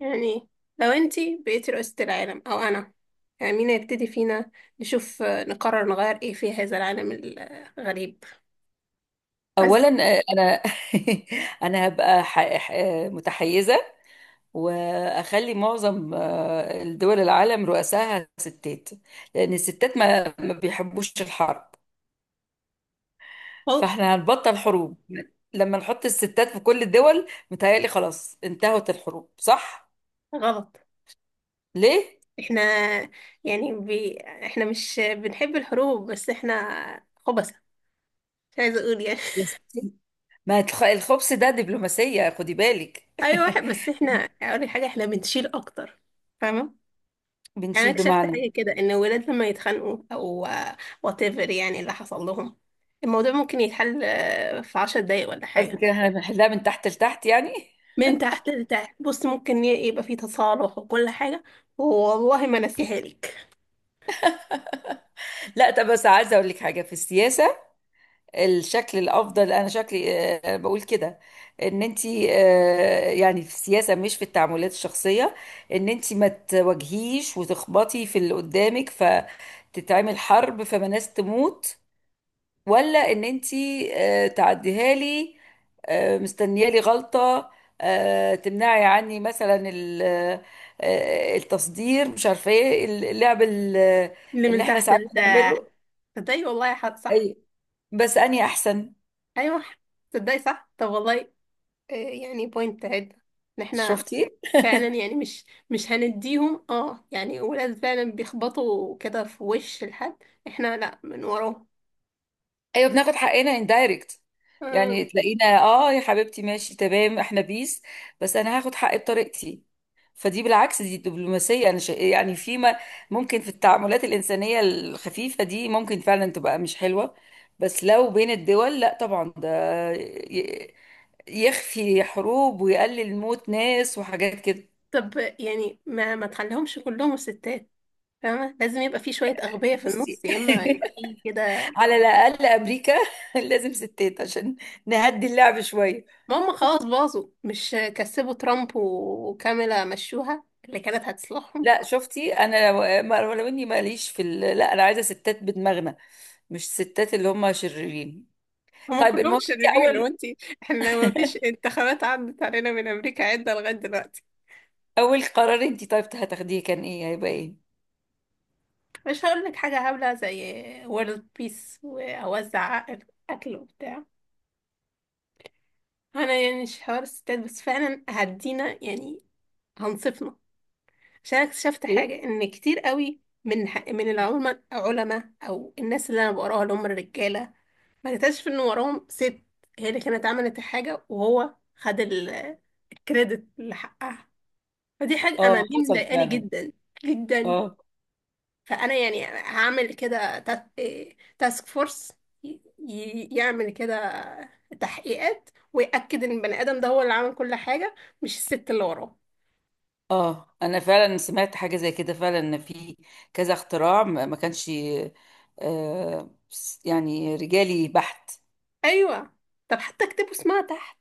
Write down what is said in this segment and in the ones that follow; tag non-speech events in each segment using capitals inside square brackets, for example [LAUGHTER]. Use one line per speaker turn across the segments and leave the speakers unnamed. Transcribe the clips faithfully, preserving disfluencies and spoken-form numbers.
يعني لو انتي بقيتي رئيسة العالم او انا، يعني مين هيبتدي فينا؟ نشوف، آه، نقرر نغير ايه في هذا العالم الغريب. بس
اولا، آه، انا. [LAUGHS] انا هبقى ح- ح- متحيزه، واخلي معظم آه، الدول العالم رؤساها ستات، لان الستات ما ما بيحبوش الحرب.
هو
فاحنا هنبطل حروب لما نحط الستات في كل الدول. متهيألي خلاص انتهت الحروب، صح؟
غلط.
ليه؟
احنا، يعني بي... احنا مش بنحب الحروب، بس احنا خبثة. مش عايزة اقول يعني.
يا ستي ما الخ- الخبز ده دبلوماسيه، خدي بالك.
[LAUGHS] ايوه، واحد.
[LAUGHS]
بس احنا، اقول لك حاجة، احنا بنشيل اكتر، فاهمة؟ يعني انا
بنشيل
اكتشفت
بمعنى؟
حاجة كده، ان الولاد لما يتخانقوا او واتيفر، يعني اللي حصل لهم، الموضوع ممكن يتحل، آه، في عشر دقايق ولا
قصدي
حاجة.
كده احنا بنحلها من تحت لتحت يعني.
من تحت لتحت، بص ممكن ي- يبقى فيه تصالح وكل حاجة. والله ما نسيها لك.
لا طب بس عايزه اقول لك حاجه في السياسه. الشكل الافضل، انا شكلي آه، بقول كده، ان انت آه، يعني في السياسه مش في التعاملات الشخصيه، ان انت ما تواجهيش وتخبطي في اللي قدامك فتتعمل حرب فما ناس تموت، ولا ان انت آه، تعديها لي، آه، مستنيه لي غلطه، آه، تمنعي عني مثلا ال- آه، آه، التصدير، مش عارفه ايه، اللعب ال-
اللي
اللي
من
احنا
تحت
ساعات
لتحت.
بنعمله.
تصدقي والله، حد صح.
اي، بس اني احسن.
أيوة، تصدقي صح. طب والله، آه، يعني بوينت عدة، إن احنا
شفتي؟
فعلا، يعني مش مش هنديهم، اه يعني ولاد فعلا بيخبطوا كده في وش الحد. احنا لا، من وراهم.
ايوه بناخد حقنا اندايركت.
آه.
يعني تلاقينا اه يا حبيبتي ماشي تمام احنا بيس، بس انا هاخد حقي بطريقتي. فدي بالعكس دي دبلوماسيه. انا شا... يعني فيما ممكن في التعاملات الانسانيه الخفيفه دي ممكن فعلا تبقى مش حلوه، بس لو بين الدول لا طبعا ده ي- يخفي حروب ويقلل موت ناس وحاجات كده.
طب يعني، ما ما تخليهمش كلهم ستات، فاهمة؟ لازم يبقى فيه شوية أغبياء في
بصي،
النص، يا إما يبقى فيه كده.
[LAUGHS] على الاقل امريكا [LAUGHS] لازم ستات عشان نهدي اللعب شويه.
ما هم خلاص باظوا، مش كسبوا ترامب وكاميلا، مشوها اللي كانت هتصلحهم.
لا شفتي انا لو ما- لو اني ماليش في ال... لا انا عايزه ستات بدماغنا، مش ستات اللي هم شريرين.
هم
طيب
كلهم
المهم انت
شريرين
اول.
لو انتي. احنا ما فيش انتخابات عدت علينا من امريكا عدة لغاية دلوقتي.
اول قرار انت طيب هتاخديه كان ايه؟ هيبقى ايه؟
مش هقول لك حاجة هبلة زي وورلد بيس، واوزع أكل أكل وبتاع. انا يعني مش حوار الستات، بس فعلا هدينا، يعني هنصفنا. عشان أنا اكتشفت
ايه؟
حاجة، ان كتير قوي من من العلماء علماء او الناس اللي انا بقراها، اللي هم الرجالة، ما لقيتهاش، في ان وراهم ست هي اللي كانت عملت الحاجة، وهو خد ال- الكريدت اللي حقها. فدي حاجة انا
اه
دي
حصل
مضايقاني
فعلا.
جدا جدا.
اه.
فانا يعني هعمل كده تا- إيه، تاسك فورس ي- ي- يعمل كده تحقيقات، ويأكد ان البني ادم ده هو اللي عمل كل حاجة، مش الست اللي وراه.
اه انا فعلا سمعت حاجه زي كده، فعلا ان في كذا اختراع ما ما كانش آه، يعني رجالي بحت.
ايوه، طب حتى اكتبوا اسمها تحت.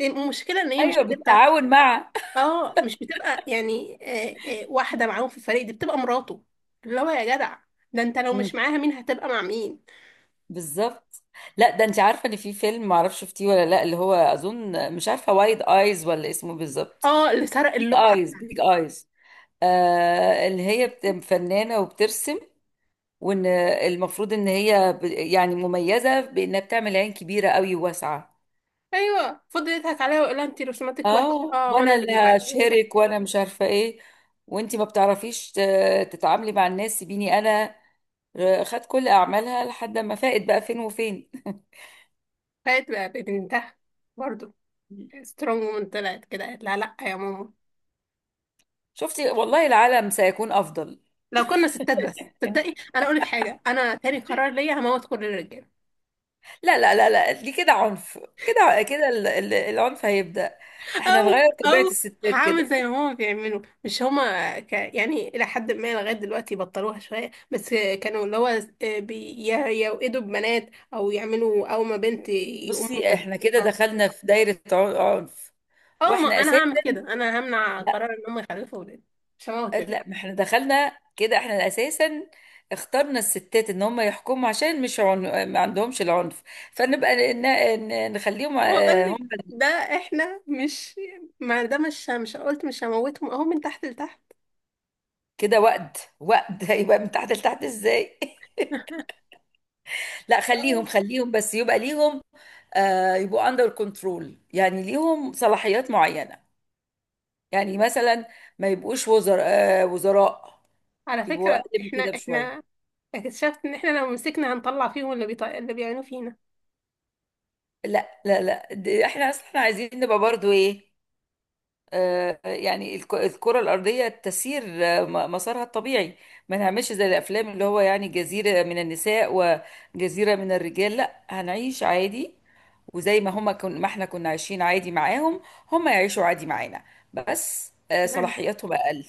المشكلة ان هي مش
ايوه
هتبقى،
بالتعاون مع.
اه مش بتبقى يعني، آه، آه، واحدة معاهم في الفريق، دي بتبقى مراته، اللي هو يا جدع، ده انت لو
مم.
مش معاها، مين هتبقى مع مين؟
بالظبط. لا ده انت عارفه ان في فيلم، معرفش شفتيه ولا لا، اللي هو اظن مش عارفه وايد ايز ولا اسمه بالظبط.
اه، اللي سرق
بيج
اللوحة
ايز،
بتاعتي.
بيج ايز، آه اللي هي بت- فنانه وبترسم، وان المفروض ان هي ب- يعني مميزه بانها بتعمل عين كبيره قوي وواسعه.
ايوه فضل يضحك عليها ويقول لها انت رسوماتك وحشة،
اه
اه وانا
وانا
اللي
اللي
ببعتها لك.
هشهرك وانا مش عارفه ايه، وانت ما بتعرفيش ت- تتعاملي مع الناس، سيبيني انا آه، خد كل اعمالها لحد ما فاقت بقى فين وفين.
فات بقى ببنتها برضه،
[LAUGHS]
سترونج وومن طلعت كده، قالت لها لا يا ماما.
شفتي؟ والله العالم سيكون افضل.
لو كنا ستات بس، تصدقي انا اقول لك حاجة، انا تاني قرار ليا هموت كل الرجالة.
لا لا لا لا، دي كده عنف. كده كده ال- ال- العنف هيبدأ. احنا
او
نغير طبيعة
او
الستات
هعمل
كده.
زي ما هما بيعملوا. مش هما ك... يعني الى حد ما لغايه دلوقتي بطلوها شويه، بس كانوا اللي هو بي- ي- يوقدوا ببنات، او يعملوا اول ما بنت يقوموا
بصي احنا كده
مخزنينها.
دخلنا في دايرة عن- عنف.
اه، ما
واحنا
انا
اساسا
هعمل كده، انا همنع
لا.
قرار ان هم يخلفوا اولاد، مش هموت الولاد.
لا ما احنا دخلنا كده، احنا اساسا اخترنا الستات ان هم يحكموا عشان مش عن... ما عندهمش العنف. فنبقى ن... ن... نخليهم
واقول
آه،
لك،
هم
ده احنا مش، ما ده مش مش قلت مش هموتهم، اهو من تحت لتحت.
كده. وقد وقد [LAUGHS] هيبقى من تحت لتحت ازاي؟ [LAUGHS]
[LAUGHS]
لا، خليهم خليهم بس يبقى ليهم آه، يبقوا اندر كنترول، يعني ليهم صلاحيات معينة. يعني مثلا ما يبقوش وزراء، آه، وزراء.
على
يبقوا
فكره،
اقل من
احنا
كده بشوية.
احنا اكتشفت ان احنا لو مسكنا هنطلع فيهم، اللي بيط... اللي بيعملوا فينا.
لا لا لا، دي- احنا اصلا احنا عايزين نبقى برضو ايه، آه، يعني الك- الكرة الأرضية تسير آه، م- مسارها الطبيعي. ما نعملش زي الأفلام اللي هو يعني جزيرة من النساء وجزيرة من الرجال. لا هنعيش عادي، وزي ما هما كن ما احنا كنا عايشين عادي معاهم، هما يعيشوا عادي معانا، بس آه، صلاحياتهم أقل.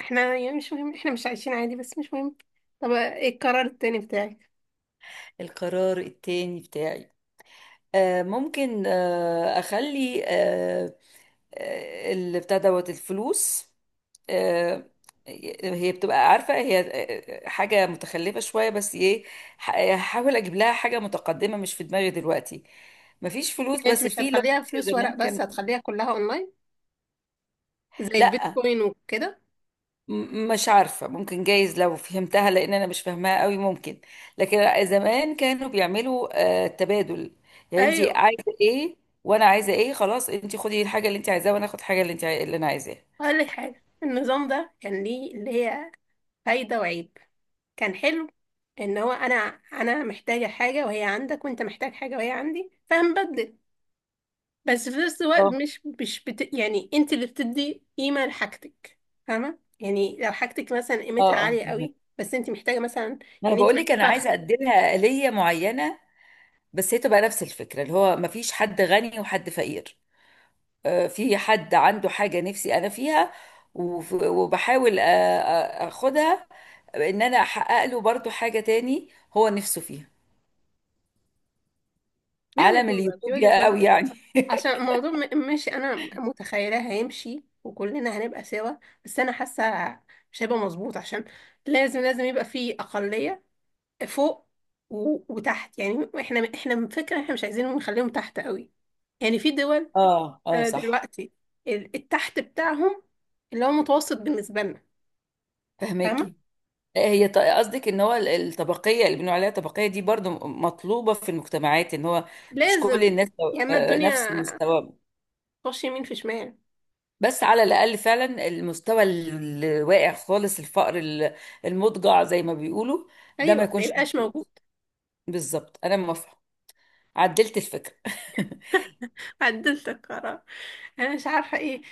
احنا يعني مش مهم، احنا مش عايشين عادي، بس مش مهم. طب ايه القرار التاني بتاعك؟
القرار التاني بتاعي، آه ممكن آه اخلي آه آه، اللي بتاع دوت الفلوس. آه، هي بتبقى عارفة هي آه، آه، حاجة متخلفة شوية، بس ايه، ح- هحاول اجيب لها حاجة متقدمة. مش في دماغي دلوقتي مفيش فلوس،
يعني انت
بس
مش
في لو
هتخليها
فاكرة
فلوس ورق،
زمان
بس
كان.
هتخليها كلها اونلاين، زي
لا،
البيتكوين وكده؟
م- مش عارفة، ممكن جايز لو فهمتها لأن أنا مش فاهماها قوي ممكن، لكن زمان كانوا بيعملوا آه، تبادل. يعني أنت
ايوه.
عايزة إيه وأنا عايزة إيه، خلاص أنت خدي الحاجة اللي أنت عايزاها وأنا آخد الحاجة اللي أنت عاي... اللي أنا عايزاها.
اقول لك حاجه، النظام ده كان ليه اللي هي فايده وعيب، كان حلو ان هو انا انا محتاجه حاجه وهي عندك، وانت محتاج حاجه وهي عندي، فهنبدل. بس في نفس الوقت،
اه
مش مش بت... يعني انت اللي بتدي قيمه لحاجتك. فاهمه، يعني لو حاجتك مثلا
اه.
قيمتها
اه
عاليه
فهمك.
قوي، بس انت محتاجه مثلا،
ما أنا
يعني انت
بقول لك
معاكي
أنا
فرخه.
عايزة أدي لها آلية معينة، بس هي تبقى نفس الفكرة اللي هو مفيش حد غني وحد فقير، آه، في حد عنده حاجة نفسي أنا فيها، وف- وبحاول آه، آه، أخدها، إن أنا أحقق له برضو حاجة تاني هو نفسه فيها.
دي وجهة
عالم
نظر دي وجهة
اليوتوبيا
نظر
قوي يعني.
عشان الموضوع م- مش انا متخيلة هيمشي وكلنا هنبقى سوا. بس انا حاسة مش هيبقى مظبوط، عشان لازم لازم يبقى في اقلية فوق و- وتحت. يعني احنا احنا من فكرة احنا مش عايزينهم، نخليهم تحت قوي. يعني في دول،
اه اه
آه،
صح.
دلوقتي ال- التحت بتاعهم، اللي هو متوسط بالنسبة لنا، فاهمة؟
فهماكي. هي ط- قصدك ان هو ال- الطبقيه اللي بنقول عليها طبقيه دي برضو م- مطلوبه في المجتمعات، ان هو مش كل
لازم،
الناس
يا اما
آه، نفس
الدنيا
المستوى.
تخش يمين في شمال.
بس على الاقل فعلا المستوى ال- الواقع خالص، الفقر ال- المضجع زي ما بيقولوا ده ما
ايوه، ما
يكونش.
يبقاش موجود.
بالظبط انا موافقه، عدلت الفكرة. [LAUGHS]
[LAUGHS] عدلت القرار. انا مش عارفه ايه،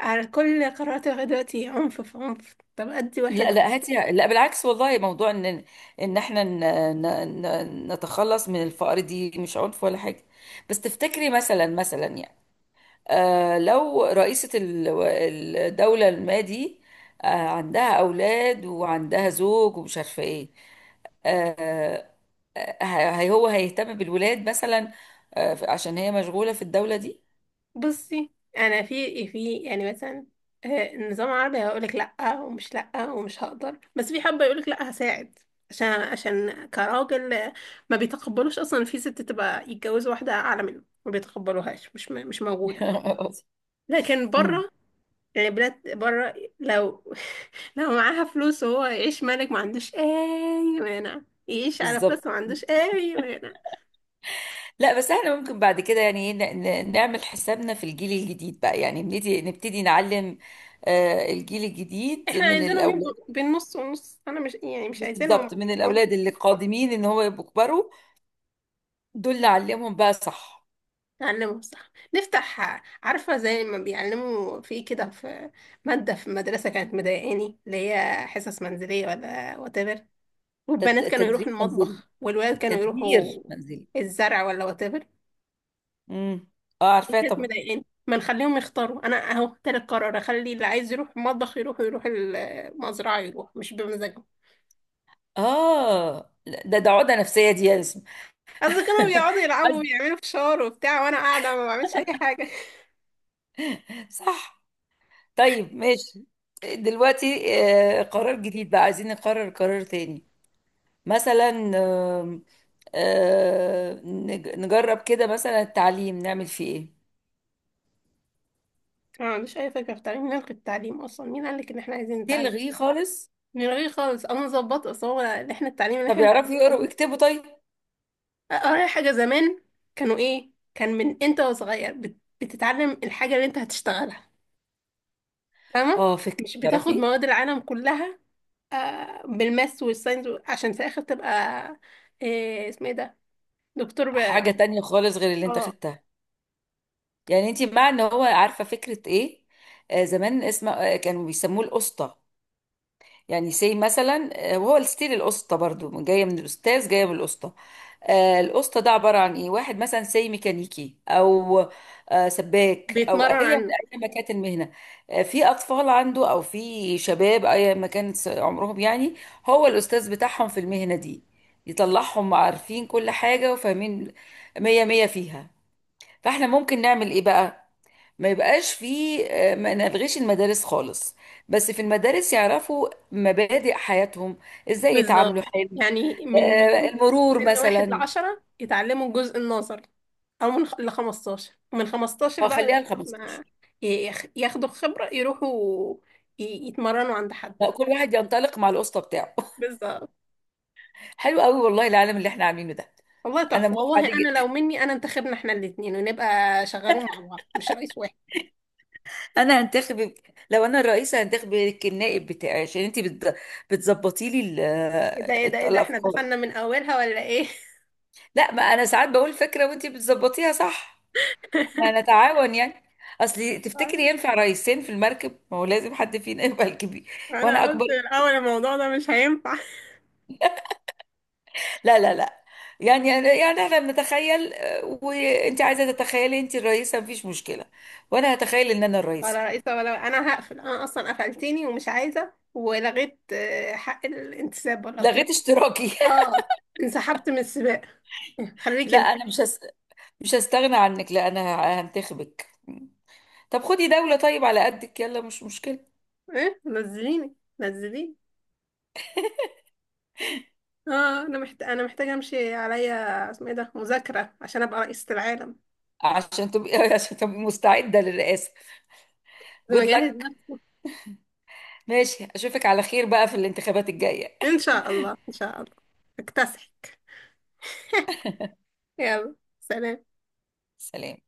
على كل قرارات لغاية دلوقتي عنف في عنف. طب أدي
لا
واحد.
لا هاتي، لا بالعكس، والله موضوع ان ان احنا ن... ن... ن- نتخلص من الفقر دي مش عنف ولا حاجة. بس تفتكري مثلا، مثلا يعني آه لو رئيسة ال- الدولة ما دي آه عندها أولاد وعندها زوج ومش عارفة ايه، آه، آه، هي هو هيهتم بالولاد مثلا آه عشان هي مشغولة في الدولة دي؟
بصي، أنا في إيه، في يعني مثلا، آه، النظام العربي هيقولك لأ، ومش لأ ومش هقدر، بس في حبة يقولك لأ هساعد. عشان عشان كراجل، آه، ما بيتقبلوش أصلا في ست تبقى يتجوز واحدة أعلى منه، ما بيتقبلوهاش، مش م- مش موجودة.
[LAUGHS]
لكن
مم،
بره، يعني بلاد بره، لو [LAUGHS] لو معاها فلوس وهو يعيش ملك ما عندوش أي مانع، يعيش على فلوس
بالظبط.
ما عندوش أي مانع.
لا بس احنا ممكن بعد كده يعني ايه، ن- ن- نعمل حسابنا في الجيل الجديد بقى. يعني نبتدي، نبتدي نعلم آه، الجيل الجديد
احنا
من
عايزينهم يبقوا
الاولاد.
بين نص ونص، انا مش، يعني مش
بالظبط،
عايزينهم
من
يقعدوا في
الاولاد اللي
البيت.
قادمين، ان هو يبقوا كبروا، دول نعلمهم بقى صح.
نعلمهم صح، نفتح عارفة زي ما بيعلموا في كده، في مادة في المدرسة كانت مضايقاني، اللي هي حصص منزلية ولا whatever،
تت-
والبنات كانوا يروحوا
تدريب منزلي
المطبخ والولاد كانوا
تدبير
يروحوا
منزلي.
الزرع ولا whatever.
امم، اه
دي
عارفاه
كانت
طبعا.
مضايقاني. ما نخليهم يختاروا، انا اهو تالت قرار، اخلي اللي عايز يروح المطبخ يروح، ويروح المزرعة يروح، مش بمزاجهم.
اه لا، ده ده عقدة نفسية دي يا اسم.
قصدي كانوا
[LAUGHS]
بيقعدوا يلعبوا ويعملوا فشار وبتاع، وانا قاعدة ما بعملش اي حاجة.
صح. طيب ماشي، دلوقتي آه، قرار جديد بقى، عايزين نقرر قرار تاني. مثلا آم، آه، نج- نجرب كده مثلا التعليم نعمل فيه ايه.
أنا ما عنديش أي فكرة في التعليم. مين قال التعليم أصلا؟ مين قالك إن إحنا عايزين نتعلم؟
تلغيه خالص؟
من غير خالص. أنا مظبطة أصلا هو إن إحنا التعليم اللي
طب
إحنا
يعرفوا
بنتعلمه،
يقروا ويكتبوا طيب.
أقرأ حاجة زمان كانوا إيه، كان من أنت وصغير بت- بتتعلم الحاجة اللي أنت هتشتغلها، فاهمة؟
اه فكرة
مش بتاخد
تعرفي،
مواد العالم كلها، آه بالماس والساينس و- عشان في الآخر تبقى إيه اسمه إيه ده، دكتور ب...
حاجة تانية خالص غير اللي انت
آه،
خدتها. يعني انت مع ان هو عارفة فكرة ايه، آه زمان اسمه آه كانوا بيسموه القسطة. يعني سي مثلا آه، وهو الستيل. القسطة برضو جاية من الأستاذ، جاية من القسطة. آه، القسطة ده عبارة عن إيه، واحد مثلا سي ميكانيكي أو آه، سباك أو أي
بيتمرن عنه.
أي ما كانت المهنة، آه، في أطفال عنده أو في شباب أي ما كانت عمرهم يعني، هو الأستاذ بتاعهم في المهنة دي، يطلعهم عارفين كل حاجة وفاهمين مية مية فيها. فاحنا ممكن نعمل إيه بقى، ما يبقاش فيه آه، ما نلغيش المدارس خالص، بس في المدارس يعرفوا مبادئ حياتهم، ازاي
بالظبط،
يتعاملوا حلو،
يعني من
آه،
من
المرور
سن واحد
مثلا.
لعشرة يتعلموا الجزء النظري، أو من خ- لخمستاشر، ومن خمستاشر
آه،
بقى
خليها ال
ما
خمستاشر.
يخ- ياخدوا خبرة، يروحوا ي- يتمرنوا عند حد.
لا، كل واحد ينطلق مع القسطه بتاعه. [LAUGHS]
بالظبط.
حلو قوي، والله العالم اللي احنا عاملينه ده،
والله
انا
تحفة،
موافقه
والله
عليه
أنا
جدا.
لو مني، أنا انتخبنا احنا الاتنين ونبقى شغالين مع بعض، مش رئيس واحد.
[LAUGHS] انا هنتخب، لو انا الرئيسه هنتخبك النائب بتاعي عشان انت بت... بتظبطي لي ال-
ايه ده ايه ده ايه
آه،
ده، احنا
الافكار.
دخلنا من أولها ولا ايه؟
لا ما انا ساعات بقول فكره وانت بتظبطيها صح، ما نتعاون يعني. اصل تفتكري
[LAUGHS]
ينفع رئيسين في المركب؟ ما هو لازم حد فينا [LAUGHS] يبقى الكبير. وانا
أنا قلت
اكبر.
الأول الموضوع ده مش هينفع.
لا لا لا، يعني يعني احنا بنتخيل آه، وانت عايزه تتخيلي انت الرئيسه مفيش مشكله، وانا هتخيل ان انا الرئيسه.
ولا رئيسة ولا، أنا هقفل، أنا أصلا قفلتيني، ومش عايزة، ولغيت آه، حق الانتساب ولا وات-
لغيت اشتراكي؟
اه، انسحبت من السباق، إيه،
[LAUGHS]
خليكي
لا
انت.
انا مش هس... مش هستغنى عنك، لا انا ه- هنتخبك. طب خدي دوله طيب على قدك يلا مش مشكله.
ايه، نزليني نزليني. اه انا محت... انا محتاجه امشي عليا اسمه ايه ده، مذاكره عشان ابقى رئيسه العالم،
عشان تبقي [LAUGHS] عشان تبقي مستعده للرئاسه.
لازم
جود
اجهز
لك.
نفسي.
ماشي، اشوفك على خير بقى في الانتخابات الجايه.
ان شاء الله ان شاء الله، اكتسحك. [LAUGHS] يلا سلام.
[LAUGHS] سلام.